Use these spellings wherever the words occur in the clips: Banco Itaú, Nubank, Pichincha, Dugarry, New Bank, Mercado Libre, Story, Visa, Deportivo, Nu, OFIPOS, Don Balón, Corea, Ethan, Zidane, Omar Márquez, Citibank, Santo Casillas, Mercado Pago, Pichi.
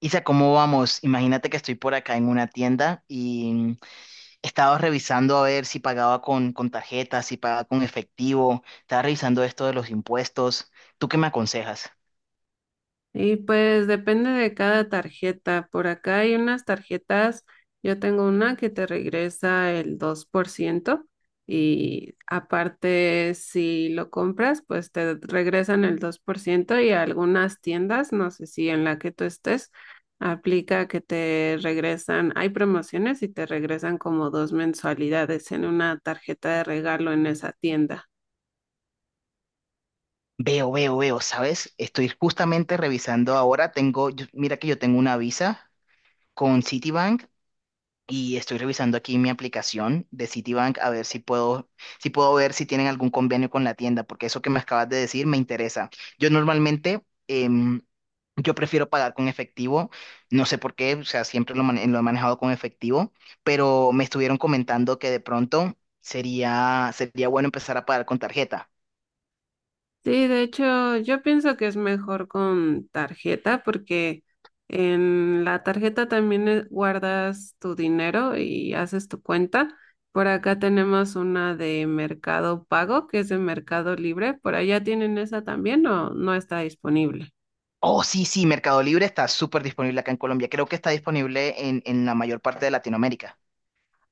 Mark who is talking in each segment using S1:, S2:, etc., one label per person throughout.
S1: Isa, ¿cómo vamos? Imagínate que estoy por acá en una tienda y estaba revisando a ver si pagaba con tarjeta, si pagaba con efectivo, estaba revisando esto de los impuestos. ¿Tú qué me aconsejas?
S2: Y pues depende de cada tarjeta. Por acá hay unas tarjetas, yo tengo una que te regresa el 2%. Y aparte si lo compras, pues te regresan el 2%. Y algunas tiendas, no sé si en la que tú estés, aplica que te regresan, hay promociones y te regresan como dos mensualidades en una tarjeta de regalo en esa tienda.
S1: Veo, ¿sabes? Estoy justamente revisando ahora, tengo, mira que yo tengo una Visa con Citibank. Y estoy revisando aquí mi aplicación de Citibank a ver si puedo, si puedo ver si tienen algún convenio con la tienda, porque eso que me acabas de decir me interesa. Yo normalmente, em, yo prefiero pagar con efectivo, no sé por qué, o sea, siempre lo he manejado con efectivo, pero me estuvieron comentando que de pronto sería bueno empezar a pagar con tarjeta.
S2: Sí, de hecho, yo pienso que es mejor con tarjeta porque en la tarjeta también guardas tu dinero y haces tu cuenta. Por acá tenemos una de Mercado Pago, que es de Mercado Libre. ¿Por allá tienen esa también o no está disponible?
S1: Oh, sí, sí, Mercado Libre está súper disponible acá en Colombia. Creo que está disponible en la mayor parte de Latinoamérica.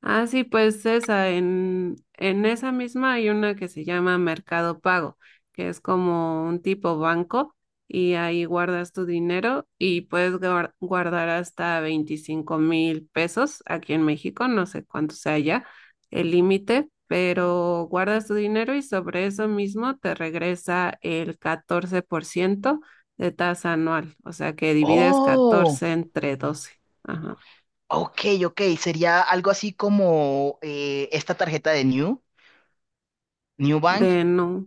S2: Ah, sí, pues esa, en esa misma hay una que se llama Mercado Pago, que es como un tipo banco y ahí guardas tu dinero y puedes guardar hasta 25,000 pesos aquí en México, no sé cuánto sea ya el límite, pero guardas tu dinero y sobre eso mismo te regresa el 14% de tasa anual, o sea que divides
S1: Oh.
S2: 14 entre 12. Ajá.
S1: Ok, ok, sería algo así como esta tarjeta de New Bank.
S2: De no.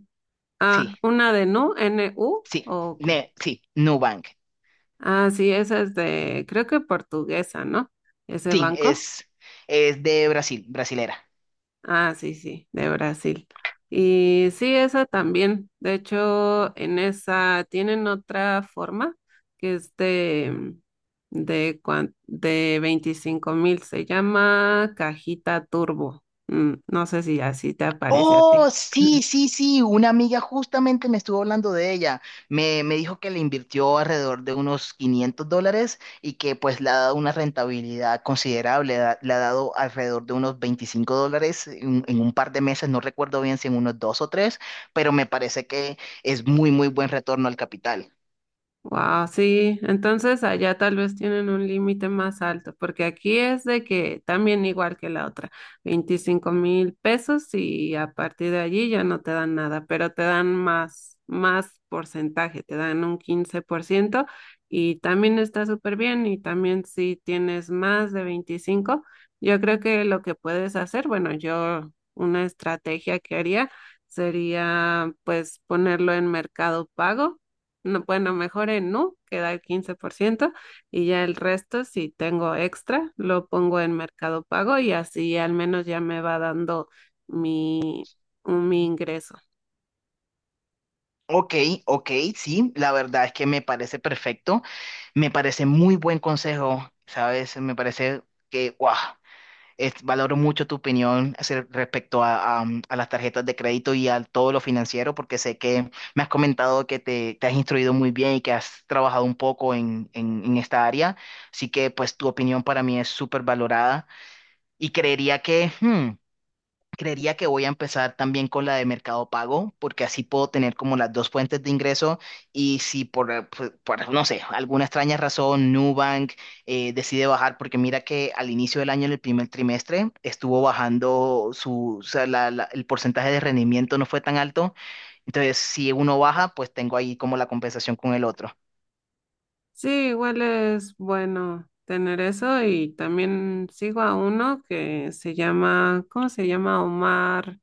S1: Sí,
S2: Ah, una de Nu, NU,
S1: sí,
S2: o cuál.
S1: sí, New Bank.
S2: Ah, sí, esa es de, creo que portuguesa, ¿no? Ese
S1: Sí,
S2: banco.
S1: es de Brasil, brasilera.
S2: Ah, sí, sí, de Brasil. Y sí, esa también. De hecho, en esa tienen otra forma que es de 25,000. Se llama cajita turbo. Mm, no sé si así te aparece a
S1: Oh,
S2: ti.
S1: sí, sí, sí, una amiga justamente me estuvo hablando de ella. Me dijo que le invirtió alrededor de unos $500 y que pues le ha dado una rentabilidad considerable, le ha dado alrededor de unos $25 en un par de meses, no recuerdo bien si en unos dos o tres, pero me parece que es muy buen retorno al capital.
S2: Wow, sí, entonces allá tal vez tienen un límite más alto, porque aquí es de que también igual que la otra, 25,000 pesos y a partir de allí ya no te dan nada, pero te dan más porcentaje, te dan un 15% y también está súper bien y también si tienes más de 25, yo creo que lo que puedes hacer, bueno, yo una estrategia que haría sería pues ponerlo en Mercado Pago no, bueno, mejor en Nu, que da el 15% y ya el resto, si tengo extra, lo pongo en Mercado Pago y así al menos ya me va dando mi, mi ingreso.
S1: Ok, ok, sí, la verdad es que me parece perfecto. Me parece muy buen consejo, ¿sabes? Me parece que, guau. Valoro mucho tu opinión respecto a las tarjetas de crédito y a todo lo financiero, porque sé que me has comentado que te has instruido muy bien y que has trabajado un poco en esta área. Así que pues tu opinión para mí es súper valorada y creería que. Creería que voy a empezar también con la de Mercado Pago, porque así puedo tener como las dos fuentes de ingreso y si por, no sé, alguna extraña razón Nubank decide bajar, porque mira que al inicio del año, en el primer trimestre, estuvo bajando su, o sea, la- la- el porcentaje de rendimiento no fue tan alto, entonces si uno baja, pues tengo ahí como la compensación con el otro.
S2: Sí, igual es bueno tener eso y también sigo a uno que se llama, ¿cómo se llama? Omar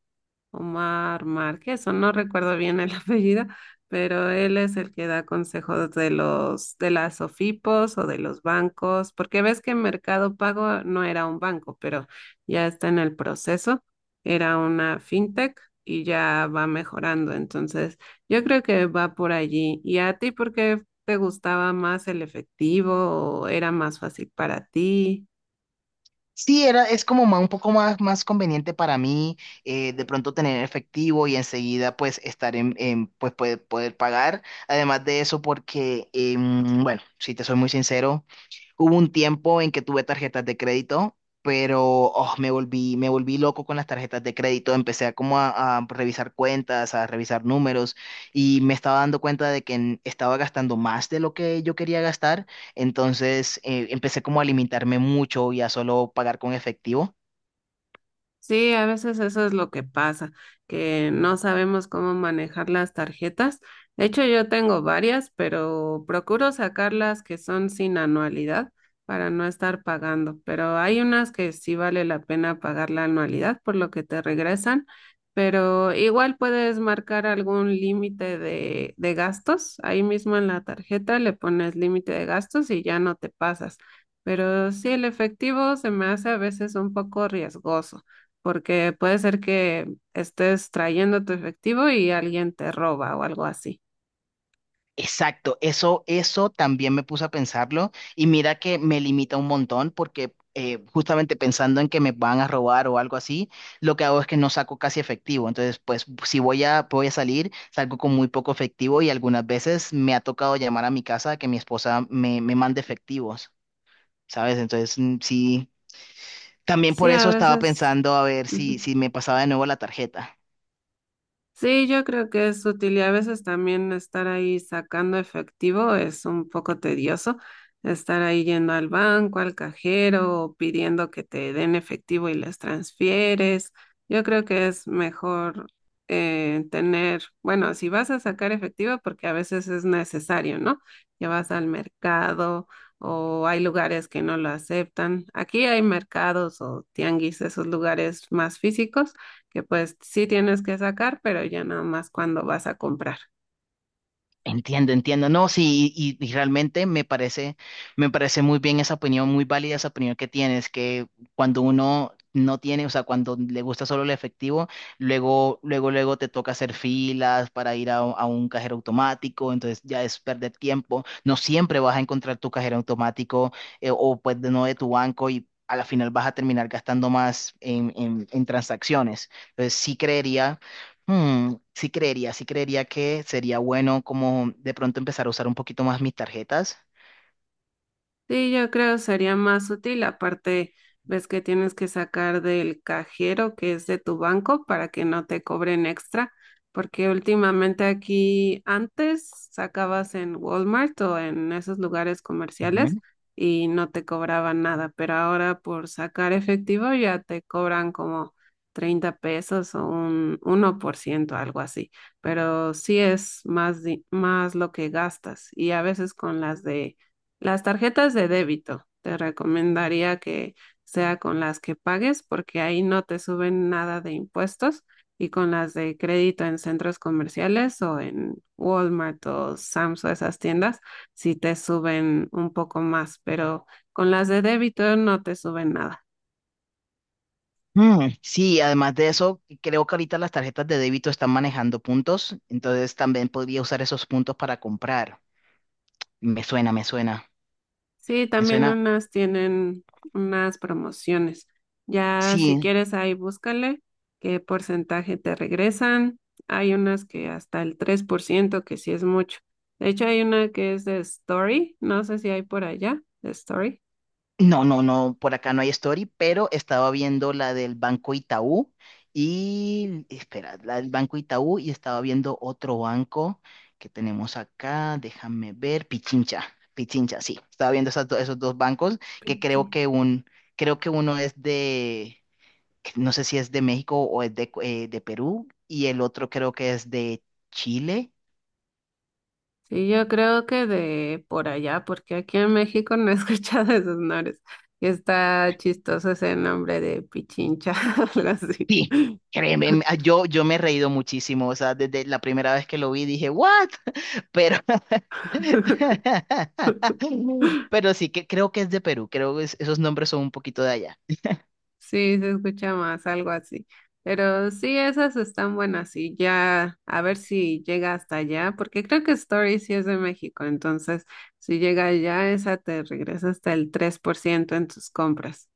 S2: Omar Márquez, o no recuerdo bien el apellido, pero él es el que da consejos de las OFIPOS o de los bancos, porque ves que Mercado Pago no era un banco, pero ya está en el proceso, era una fintech y ya va mejorando. Entonces, yo creo que va por allí. ¿Y a ti por qué te gustaba más el efectivo o era más fácil para ti?
S1: Sí, era, es como un poco más, más conveniente para mí. De pronto tener efectivo y enseguida pues estar pues poder pagar. Además de eso, porque, bueno, si te soy muy sincero. Hubo un tiempo en que tuve tarjetas de crédito, pero oh, me volví loco con las tarjetas de crédito. Empecé a revisar cuentas, a revisar números y me estaba dando cuenta de que estaba gastando más de lo que yo quería gastar. Entonces empecé como a limitarme mucho y a solo pagar con efectivo.
S2: Sí, a veces eso es lo que pasa, que no sabemos cómo manejar las tarjetas. De hecho, yo tengo varias, pero procuro sacar las que son sin anualidad para no estar pagando. Pero hay unas que sí vale la pena pagar la anualidad por lo que te regresan, pero igual puedes marcar algún límite de gastos. Ahí mismo en la tarjeta le pones límite de gastos y ya no te pasas. Pero sí, el efectivo se me hace a veces un poco riesgoso porque puede ser que estés trayendo tu efectivo y alguien te roba o algo así.
S1: Exacto, eso también me puse a pensarlo y mira que me limita un montón porque justamente pensando en que me van a robar o algo así, lo que hago es que no saco casi efectivo. Entonces, pues si voy a salir, salgo con muy poco efectivo y algunas veces me ha tocado llamar a mi casa a que mi esposa me mande efectivos, ¿sabes? Entonces, mm, sí, también por
S2: Sí, a
S1: eso estaba
S2: veces.
S1: pensando a ver si,
S2: Ujú.
S1: si me pasaba de nuevo la tarjeta.
S2: Sí, yo creo que es útil y a veces también estar ahí sacando efectivo es un poco tedioso, estar ahí yendo al banco, al cajero, o pidiendo que te den efectivo y les transfieres. Yo creo que es mejor tener, bueno, si vas a sacar efectivo, porque a veces es necesario, ¿no? Que vas al mercado o hay lugares que no lo aceptan. Aquí hay mercados o tianguis, esos lugares más físicos que pues sí tienes que sacar, pero ya nada más cuando vas a comprar.
S1: Entiendo, entiendo. No, sí, y realmente me parece muy bien esa opinión, muy válida esa opinión que tienes, que cuando uno no tiene, o sea, cuando le gusta solo el efectivo, luego, luego, luego te toca hacer filas para ir a un cajero automático, entonces ya es perder tiempo. No siempre vas a encontrar tu cajero automático o pues de no de tu banco y a la final vas a terminar gastando más en transacciones. Entonces sí creería. Hmm, sí creería que sería bueno como de pronto empezar a usar un poquito más mis tarjetas.
S2: Sí, yo creo sería más útil. Aparte, ves que tienes que sacar del cajero que es de tu banco para que no te cobren extra, porque últimamente aquí antes sacabas en Walmart o en esos lugares
S1: Ujú.
S2: comerciales y no te cobraban nada, pero ahora por sacar efectivo ya te cobran como 30 pesos o un 1%, algo así. Pero sí es más, más lo que gastas y a veces con las de las tarjetas de débito, te recomendaría que sea con las que pagues porque ahí no te suben nada de impuestos y con las de crédito en centros comerciales o en Walmart o Sam's o esas tiendas sí te suben un poco más, pero con las de débito no te suben nada.
S1: Mm, sí, además de eso, creo que ahorita las tarjetas de débito están manejando puntos, entonces también podría usar esos puntos para comprar. Me suena, me suena,
S2: Sí,
S1: me
S2: también
S1: suena.
S2: unas tienen unas promociones. Ya si
S1: Sí,
S2: quieres ahí búscale qué porcentaje te regresan. Hay unas que hasta el 3% que sí es mucho. De hecho, hay una que es de Story. No sé si hay por allá, de Story.
S1: no, no, no, por acá no hay story, pero estaba viendo la del Banco Itaú y, espera, la del Banco Itaú y estaba viendo otro banco que tenemos acá, déjame ver, Pichincha, Pichincha, sí, estaba viendo esos dos bancos que
S2: Pichi.
S1: creo que creo que uno es de, no sé si es de México o es de Perú y el otro creo que es de Chile.
S2: Sí, yo creo que de por allá, porque aquí en México no he escuchado esos nombres. Y está chistoso ese nombre de Pichincha, algo así.
S1: Sí, créeme, yo me he reído muchísimo, o sea, desde la primera vez que lo vi dije, ¿what? Pero pero sí que creo que es de Perú, creo que esos nombres son un poquito de allá.
S2: Sí, se escucha más, algo así. Pero sí, esas están buenas y ya, a ver si llega hasta allá, porque creo que Story sí es de México, entonces si llega allá, esa te regresa hasta el 3% en tus compras.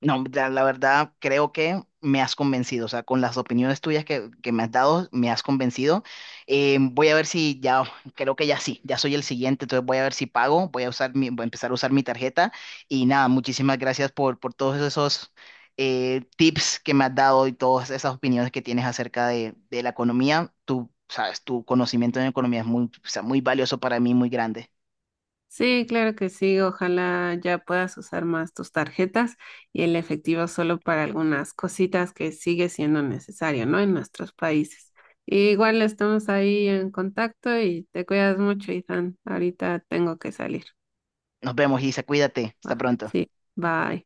S1: No, la verdad creo que me has convencido, o sea, con las opiniones tuyas que me has dado, me has convencido. Voy a ver si ya, creo que ya sí, ya soy el siguiente, entonces voy a ver si pago, voy a empezar a usar mi tarjeta y nada, muchísimas gracias por todos esos tips que me has dado y todas esas opiniones que tienes acerca de la economía. Tú sabes, tu conocimiento en economía es muy, o sea, muy valioso para mí, muy grande.
S2: Sí, claro que sí, ojalá ya puedas usar más tus tarjetas y el efectivo solo para algunas cositas que sigue siendo necesario, ¿no? En nuestros países. Igual estamos ahí en contacto y te cuidas mucho, Ethan. Ahorita tengo que salir.
S1: Nos vemos, Isa, cuídate,
S2: Va,
S1: hasta pronto.
S2: sí, bye.